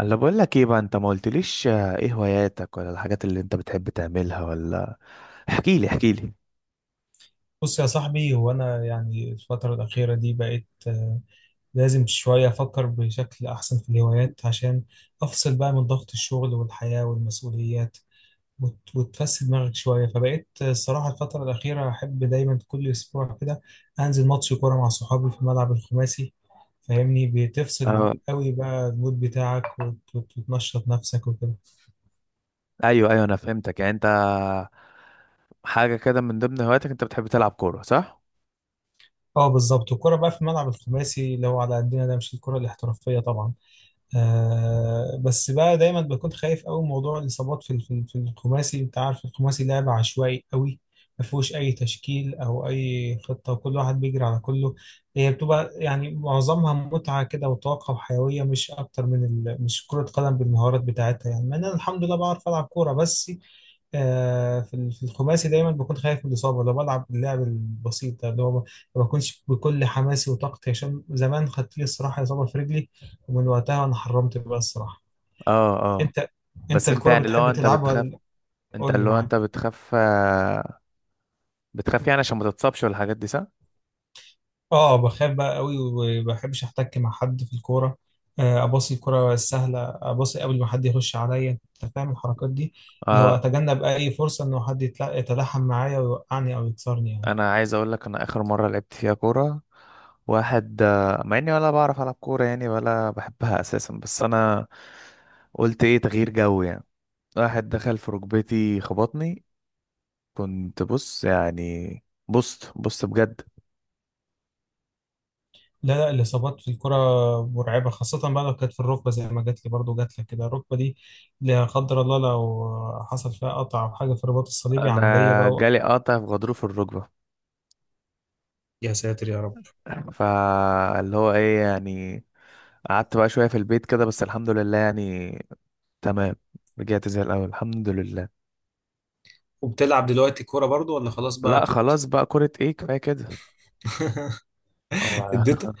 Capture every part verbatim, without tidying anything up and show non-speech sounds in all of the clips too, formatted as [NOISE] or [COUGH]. انا بقول لك ايه بقى، انت ما قلتليش. آه، ايه هواياتك، ولا الحاجات اللي انت بتحب تعملها، ولا احكي لي احكي لي. بص يا صاحبي، هو أنا يعني الفترة الأخيرة دي بقيت آه، لازم شوية أفكر بشكل أحسن في الهوايات عشان أفصل بقى من ضغط الشغل والحياة والمسؤوليات وت- وتفسد دماغك شوية. فبقيت آه، الصراحة الفترة الأخيرة أحب دايما كل أسبوع كده أنزل ماتش كورة مع صحابي في الملعب الخماسي. فاهمني؟ بتفصل اه، قوي بقى المود بتاعك وت- وت- وتنشط نفسك وكده. ايوه ايوه، انا فهمتك. يعني انت حاجه كده من ضمن هواياتك انت بتحب تلعب كوره، صح؟ اه، بالظبط. الكورة بقى في الملعب الخماسي لو على قدنا، ده مش الكورة الاحترافية طبعا. آه بس بقى دايما بكون خايف قوي من موضوع الاصابات في في في الخماسي. انت عارف الخماسي لعبه عشوائي قوي، ما فيهوش اي تشكيل او اي خطه، وكل واحد بيجري على كله. هي بتبقى يعني معظمها متعه كده وطاقه وحيويه، مش اكتر من ال... مش كره قدم بالمهارات بتاعتها يعني، مع ان انا الحمد لله بعرف العب كوره. بس آه، في ال- في الخماسي دايما بكون خايف من الإصابة، لو بلعب اللعب البسيط ده اللي هو ما ما بكونش بكل حماسي وطاقتي، عشان زمان خدت لي الصراحة إصابة في رجلي، ومن وقتها أنا حرمت بقى الصراحة. اه اه. أنت أنت بس انت، الكرة يعني اللي هو بتحب انت تلعبها بتخاف، ولا- انت قول لي اللي هو معاك. انت بتخاف، آه، بتخاف يعني عشان ما تتصابش، والحاجات دي، صح؟ أه، بخاف بقى قوي، وما بحبش أحتك مع حد في الكورة. آه، أباصي الكرة السهلة، أباصي قبل ما حد يخش عليا، أنت فاهم الحركات دي. اللي هو اه. أتجنب أي فرصة إنه حد يتلا- يتلاحم معايا ويوقعني أو يكسرني يعني. انا عايز اقول لك، انا اخر مره لعبت فيها كوره واحد آه، مع اني ولا بعرف العب كوره يعني، ولا بحبها اساسا، بس انا قلت ايه، تغيير جو يعني. واحد دخل في ركبتي خبطني، كنت بص يعني، بصت بصت بجد. لا، لا، الإصابات في الكرة مرعبة، خاصة بقى لو كانت في الركبة زي ما جات لي، برضه جات لك كده الركبة دي. لا قدر الله لو حصل فيها قطع أو حاجة في الرباط الصليبي، انا عملية بقى. جالي قطع في غضروف الركبه، يا ساتر يا رب. فاللي هو ايه يعني، قعدت بقى شويه في البيت كده، بس الحمد لله يعني، تمام، رجعت زي الاول الحمد لله. وبتلعب دلوقتي كورة برضو ولا خلاص بقى لا، تبت؟ خلاص بقى، كرة ايه، كفايه كده. [LAUGHS] هو اديت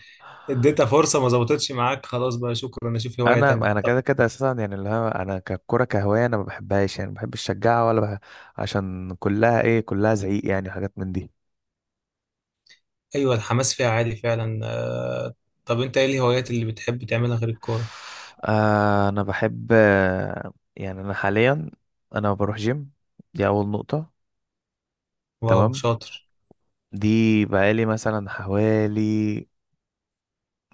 اديتها فرصة، ما ظبطتش معاك، خلاص بقى شكرا، اشوف [LAUGHS] هواية انا تانية. انا طب. كده كده اساسا، يعني اللي هو انا ككرة كهوايه انا ما بحبهاش، يعني ما بحبش اشجعها ولا بح... عشان كلها ايه، كلها زعيق يعني، حاجات من دي. ايوه، الحماس فيها عالي فعلا. آه، طب انت ايه الهوايات اللي بتحب تعملها غير الكورة؟ آه، انا بحب، آه، يعني انا حاليا انا بروح جيم، دي اول نقطة، واو، تمام. شاطر. دي بقالي مثلا حوالي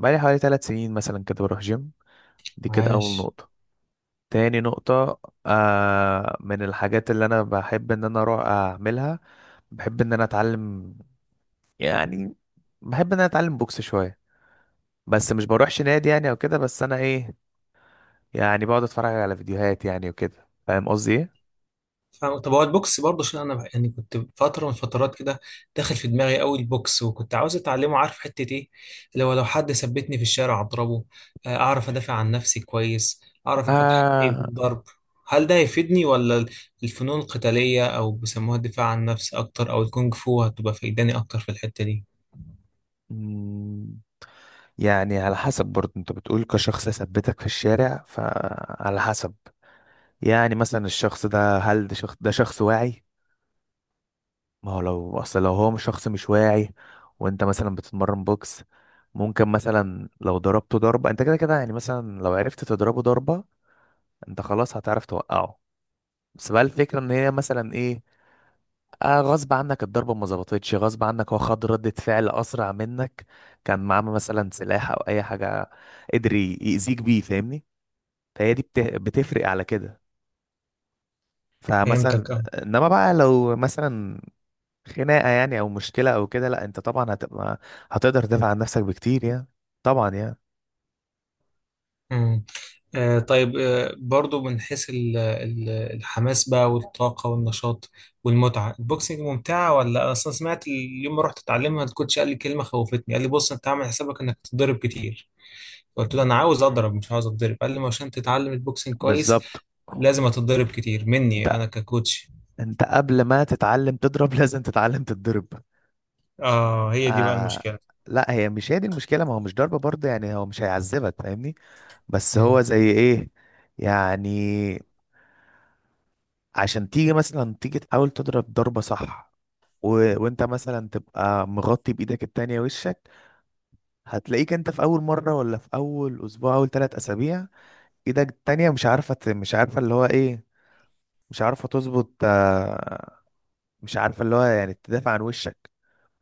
بقالي حوالي ثلاث سنين مثلا كده بروح جيم، دي كده اول عاش. نقطة. تاني نقطة، آه، من الحاجات اللي انا بحب ان انا اروح اعملها، بحب ان انا اتعلم يعني، بحب ان انا اتعلم بوكس شوية، بس مش بروحش نادي يعني او كده، بس انا ايه، يعني بقعد اتفرج على فيديوهات يعني وكده، فاهم قصدي ايه. فاهم. طب هو البوكس برضه، عشان انا يعني كنت فتره من الفترات كده داخل في دماغي قوي البوكس، وكنت عاوز اتعلمه. عارف حته ايه؟ اللي هو لو حد ثبتني في الشارع اضربه، آه، اعرف ادافع عن نفسي كويس، اعرف اخد حقي آه. بالضرب. هل ده هيفيدني، ولا الفنون القتاليه او بيسموها الدفاع عن النفس اكتر، او الكونغ فو هتبقى فايداني اكتر في الحته دي؟ مم. يعني على حسب برضه، انت بتقول كشخص يثبتك في الشارع، فعلى حسب يعني، مثلا الشخص ده، هل ده شخص ده شخص واعي؟ ما هو لو، اصل لو هو مش شخص مش واعي، وانت مثلا بتتمرن بوكس، ممكن مثلا لو ضربته ضربة، انت كده كده يعني، مثلا لو عرفت تضربه ضربة، انت خلاص هتعرف توقعه. بس بقى الفكرة ان هي مثلا ايه، آه، غصب عنك الضربة ما ظبطتش، غصب عنك هو خد ردة فعل أسرع منك، كان معاه مثلا سلاح أو أي حاجة قدر ي- يأذيك بيه، فاهمني. فهي دي بت- بتفرق على كده، فمثلا، فهمتك، اه. إنما بقى لو مثلا خناقة يعني، أو مشكلة أو كده، لأ أنت طبعا هتبقى، هتقدر تدافع عن نفسك بكتير يعني، طبعا يعني. مم. آه طيب، آه برضو من حيث ال- ال- الحماس بقى والطاقة والنشاط والمتعة، البوكسنج ممتعة؟ ولا أنا أصلا سمعت اليوم ما رحت أتعلمها الكوتش قال لي كلمة خوفتني، قال لي بص أنت عامل حسابك إنك تتضرب كتير. قلت له أنا عاوز أضرب مش عاوز أتضرب. قال لي ما عشان تتعلم البوكسنج كويس بالظبط. لازم أتضرب كتير أنت مني أنا ككوتش. أنت قبل ما تتعلم تضرب [LAUGHS] لازم تتعلم تتضرب. آه، هي دي بقى آه. المشكلة. لا، هي مش هي دي المشكلة، ما هو مش ضربة برضه يعني، هو مش هيعذبك فاهمني، بس مم. هو زي ايه يعني، عشان تيجي مثلا، تيجي تحاول تضرب ضربة صح، و... وانت مثلا تبقى مغطي بايدك التانية وشك، هتلاقيك انت في اول مرة، ولا في اول اسبوع، اول ثلاث اسابيع، ايدك التانية مش عارفة ت- مش عارفة اللي هو ايه، مش عارفة تظبط، آه، مش عارفة اللي هو يعني تدافع عن وشك،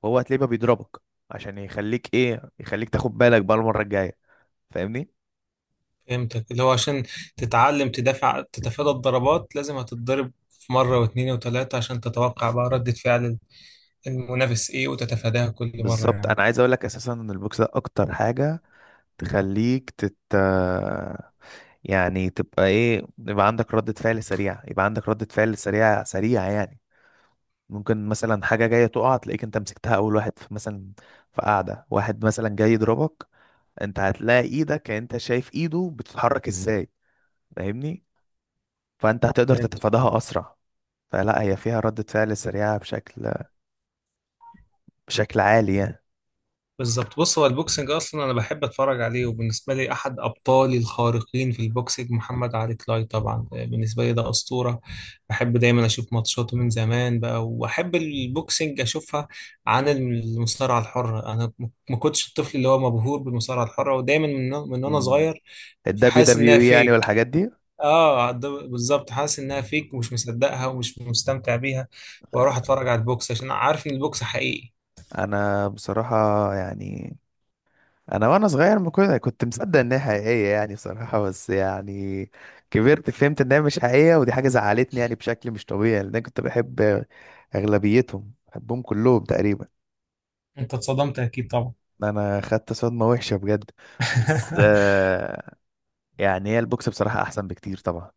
وهو هتلاقيه بقى بيضربك، عشان يخليك ايه، يخليك تاخد بالك بقى المرة الجاية، فاهمني. فهمتك، اللي هو عشان تتعلم تدافع تتفادى الضربات لازم هتتضرب في مرة واثنين وثلاثة عشان تتوقع بقى ردة فعل المنافس ايه وتتفاداها كل مرة بالظبط. يعني. انا عايز اقول لك اساسا ان البوكس ده اكتر حاجة تخليك تت، يعني تبقى ايه، يبقى عندك ردة فعل سريعة، يبقى عندك ردة فعل سريعة سريعة يعني. ممكن مثلا حاجة جاية تقع تلاقيك انت مسكتها، اول واحد في مثلا، في قاعدة واحد مثلا جاي يضربك، انت هتلاقي ايدك، انت شايف ايده بتتحرك ازاي، فاهمني، فانت هتقدر فهمت. تتفاداها اسرع. فلا هي فيها ردة فعل سريعة بشكل بشكل عالي يعني. بالظبط. بص هو البوكسنج اصلا انا بحب اتفرج عليه، وبالنسبة لي احد ابطالي الخارقين في البوكسنج محمد علي كلاي، طبعا بالنسبة لي ده اسطورة. بحب دايما اشوف ماتشاته من زمان بقى، واحب البوكسنج اشوفها عن المصارعة الحرة. انا م- ما كنتش الطفل اللي هو مبهور بالمصارعة الحرة، ودايما من من وانا صغير الدبليو فحاسس انها دبليو اي يعني، فيك. والحاجات دي. اه، ده بالظبط، حاسس انها فيك ومش مصدقها ومش مستمتع بيها، واروح اتفرج على البوكس عشان عارف ان البوكس حقيقي. انا بصراحة يعني، انا وانا صغير ما كنت كنت مصدق ان هي حقيقيه يعني بصراحه، بس يعني كبرت فهمت ان هي مش حقيقيه، ودي حاجه زعلتني يعني بشكل مش طبيعي، لان انا كنت بحب اغلبيتهم، بحبهم كلهم تقريبا. انت اتصدمت اكيد طبعا. انا خدت صدمه وحشه بجد. بس [LAUGHS] آه، يعني هي البوكس بصراحه احسن بكتير طبعا.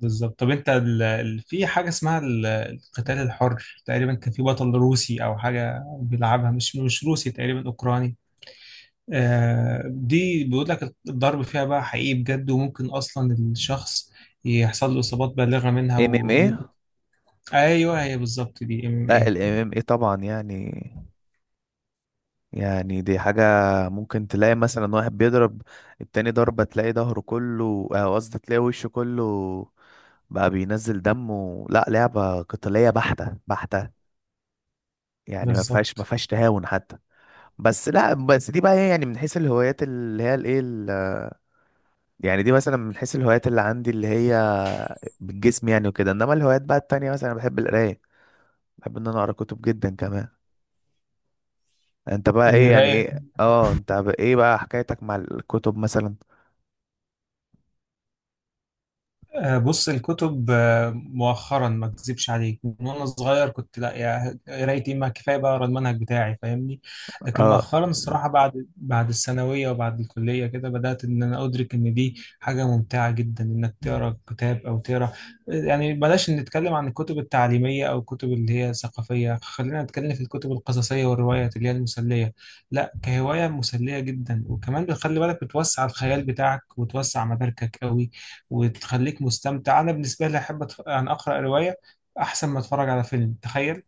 بالظبط. طب انت ال... ال- في حاجه اسمها ال- القتال الحر تقريبا، كان في بطل روسي او حاجه بيلعبها، مش مش روسي تقريبا، اوكراني. آه دي بيقول لك الضرب فيها بقى حقيقي بجد، وممكن اصلا الشخص يحصل له اصابات بالغه منها، ام ام وممكن. ايه. ايوه، هي بالظبط، دي ام ام لا، اي. الام ام ايه طبعا يعني، يعني دي حاجة ممكن تلاقي مثلا واحد بيضرب التاني ضربة، تلاقي ظهره كله، آه، قصدي تلاقي وشه كله بقى بينزل دمه، لا لعبة قتالية بحتة بحتة يعني، ما فيهاش، ما بالظبط. فيهاش تهاون حتى. بس لا، بس دي بقى هي يعني من حيث الهوايات اللي هي الايه، ال- يعني دي مثلا من حيث الهوايات اللي عندي اللي هي بالجسم يعني وكده، انما الهوايات بقى التانية مثلا انا بحب القراية، بحب ان انا اقرا كتب جدا كمان. انت بقى اللي ايه يعني رايق. ايه، اه انت بقى ايه بقى حكايتك مع الكتب مثلا؟ آه، بص الكتب، آه، مؤخرا ما اكذبش عليك، من وانا صغير كنت لا يا قرايتي، ما كفايه بقى اقرا المنهج بتاعي فاهمني. لكن اه، مؤخرا الصراحه بعد بعد الثانويه وبعد الكليه كده بدات ان انا ادرك ان دي حاجه ممتعه جدا، انك تقرا كتاب او تقرا، يعني بلاش نتكلم عن الكتب التعليميه او الكتب اللي هي ثقافيه، خلينا نتكلم في الكتب القصصيه والروايات اللي هي المسليه. لا كهوايه مسليه جدا، وكمان بتخلي بالك، بتوسع الخيال بتاعك وتوسع مداركك قوي وتخليك مستمتع. انا بالنسبه لي احب أتف... يعني اقرا روايه احسن ما اتفرج على فيلم. تخيل،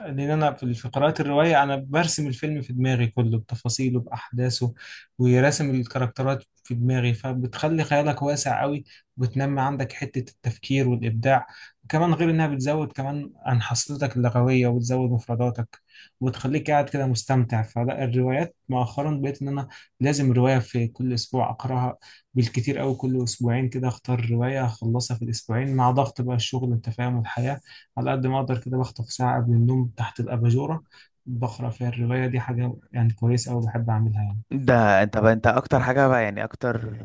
لان انا في في قراءة الرواية انا برسم الفيلم في دماغي كله بتفاصيله باحداثه، وراسم الكاركترات في دماغي، فبتخلي خيالك واسع قوي وبتنمي عندك حتة التفكير والابداع. وكمان غير انها بتزود كمان عن حصيلتك اللغوية وبتزود مفرداتك وبتخليك قاعد كده مستمتع. فلا الروايات مؤخرا بقيت ان انا لازم رواية في كل اسبوع اقراها، بالكتير قوي كل اسبوعين كده اختار رواية اخلصها في الاسبوعين مع ضغط بقى الشغل انت فاهم والحياة. على قد ما أقدر كده بخطف ساعة قبل النوم تحت الأباجورة بقرأ فيها الرواية دي، حاجة يعني كويسة أوي بحب أعملها يعني. ده انت بقى، انت اكتر حاجة بقى يعني، اكتر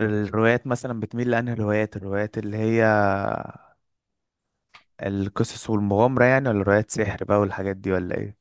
الروايات مثلا بتميل لانهي الروايات الروايات اللي هي القصص والمغامرة يعني، ولا روايات سحر بقى والحاجات دي، ولا ايه؟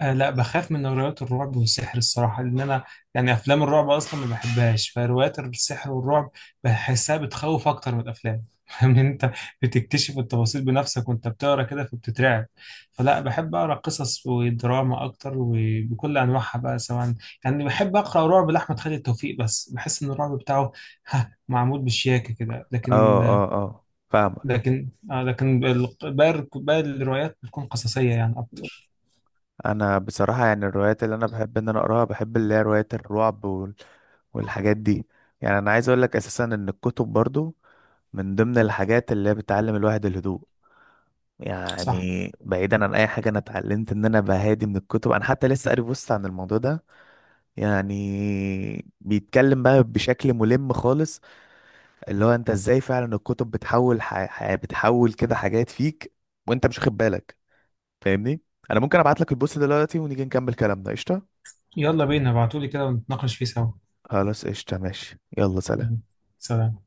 آه لا، بخاف من روايات الرعب والسحر الصراحة، لأن أنا يعني أفلام الرعب أصلا ما بحبهاش، فروايات السحر والرعب بحسها بتخوف أكتر من الأفلام. [LAUGHS] فاهم أنت، بتكتشف التفاصيل بنفسك وأنت بتقرا كده فبتترعب. فلا بحب أقرا قصص ودراما أكتر وبكل أنواعها بقى، سواء يعني بحب أقرأ رعب لأحمد خالد توفيق، بس بحس إن الرعب بتاعه [LAUGHS] ها، معمول بشياكة كده، لكن اه اه اه، فاهمك. لكن آه لكن بال- باقي باقي الروايات بتكون قصصية يعني أكتر. انا بصراحة يعني الروايات اللي انا بحب ان انا اقراها، بحب اللي هي روايات الرعب وال... والحاجات دي. يعني انا عايز اقول لك اساسا ان الكتب برضو من ضمن الحاجات اللي هي بتعلم الواحد الهدوء، يعني صح. بعيدا عن اي حاجة انا اتعلمت ان انا بهادي من الكتب، انا حتى لسه قاري بوست عن الموضوع ده، يعني بيتكلم بقى بشكل ملم خالص، اللي هو انت ازاي فعلا الكتب بتحول ح... ح... بتحول كده حاجات فيك وانت مش واخد بالك، فاهمني. انا ممكن ابعت لك البوست دلوقتي ونيجي نكمل كلامنا، قشطه. يلا بينا، ابعتولي كده ونتناقش فيه سوا. خلاص قشطه، ماشي، يلا سلام. مم. سلام.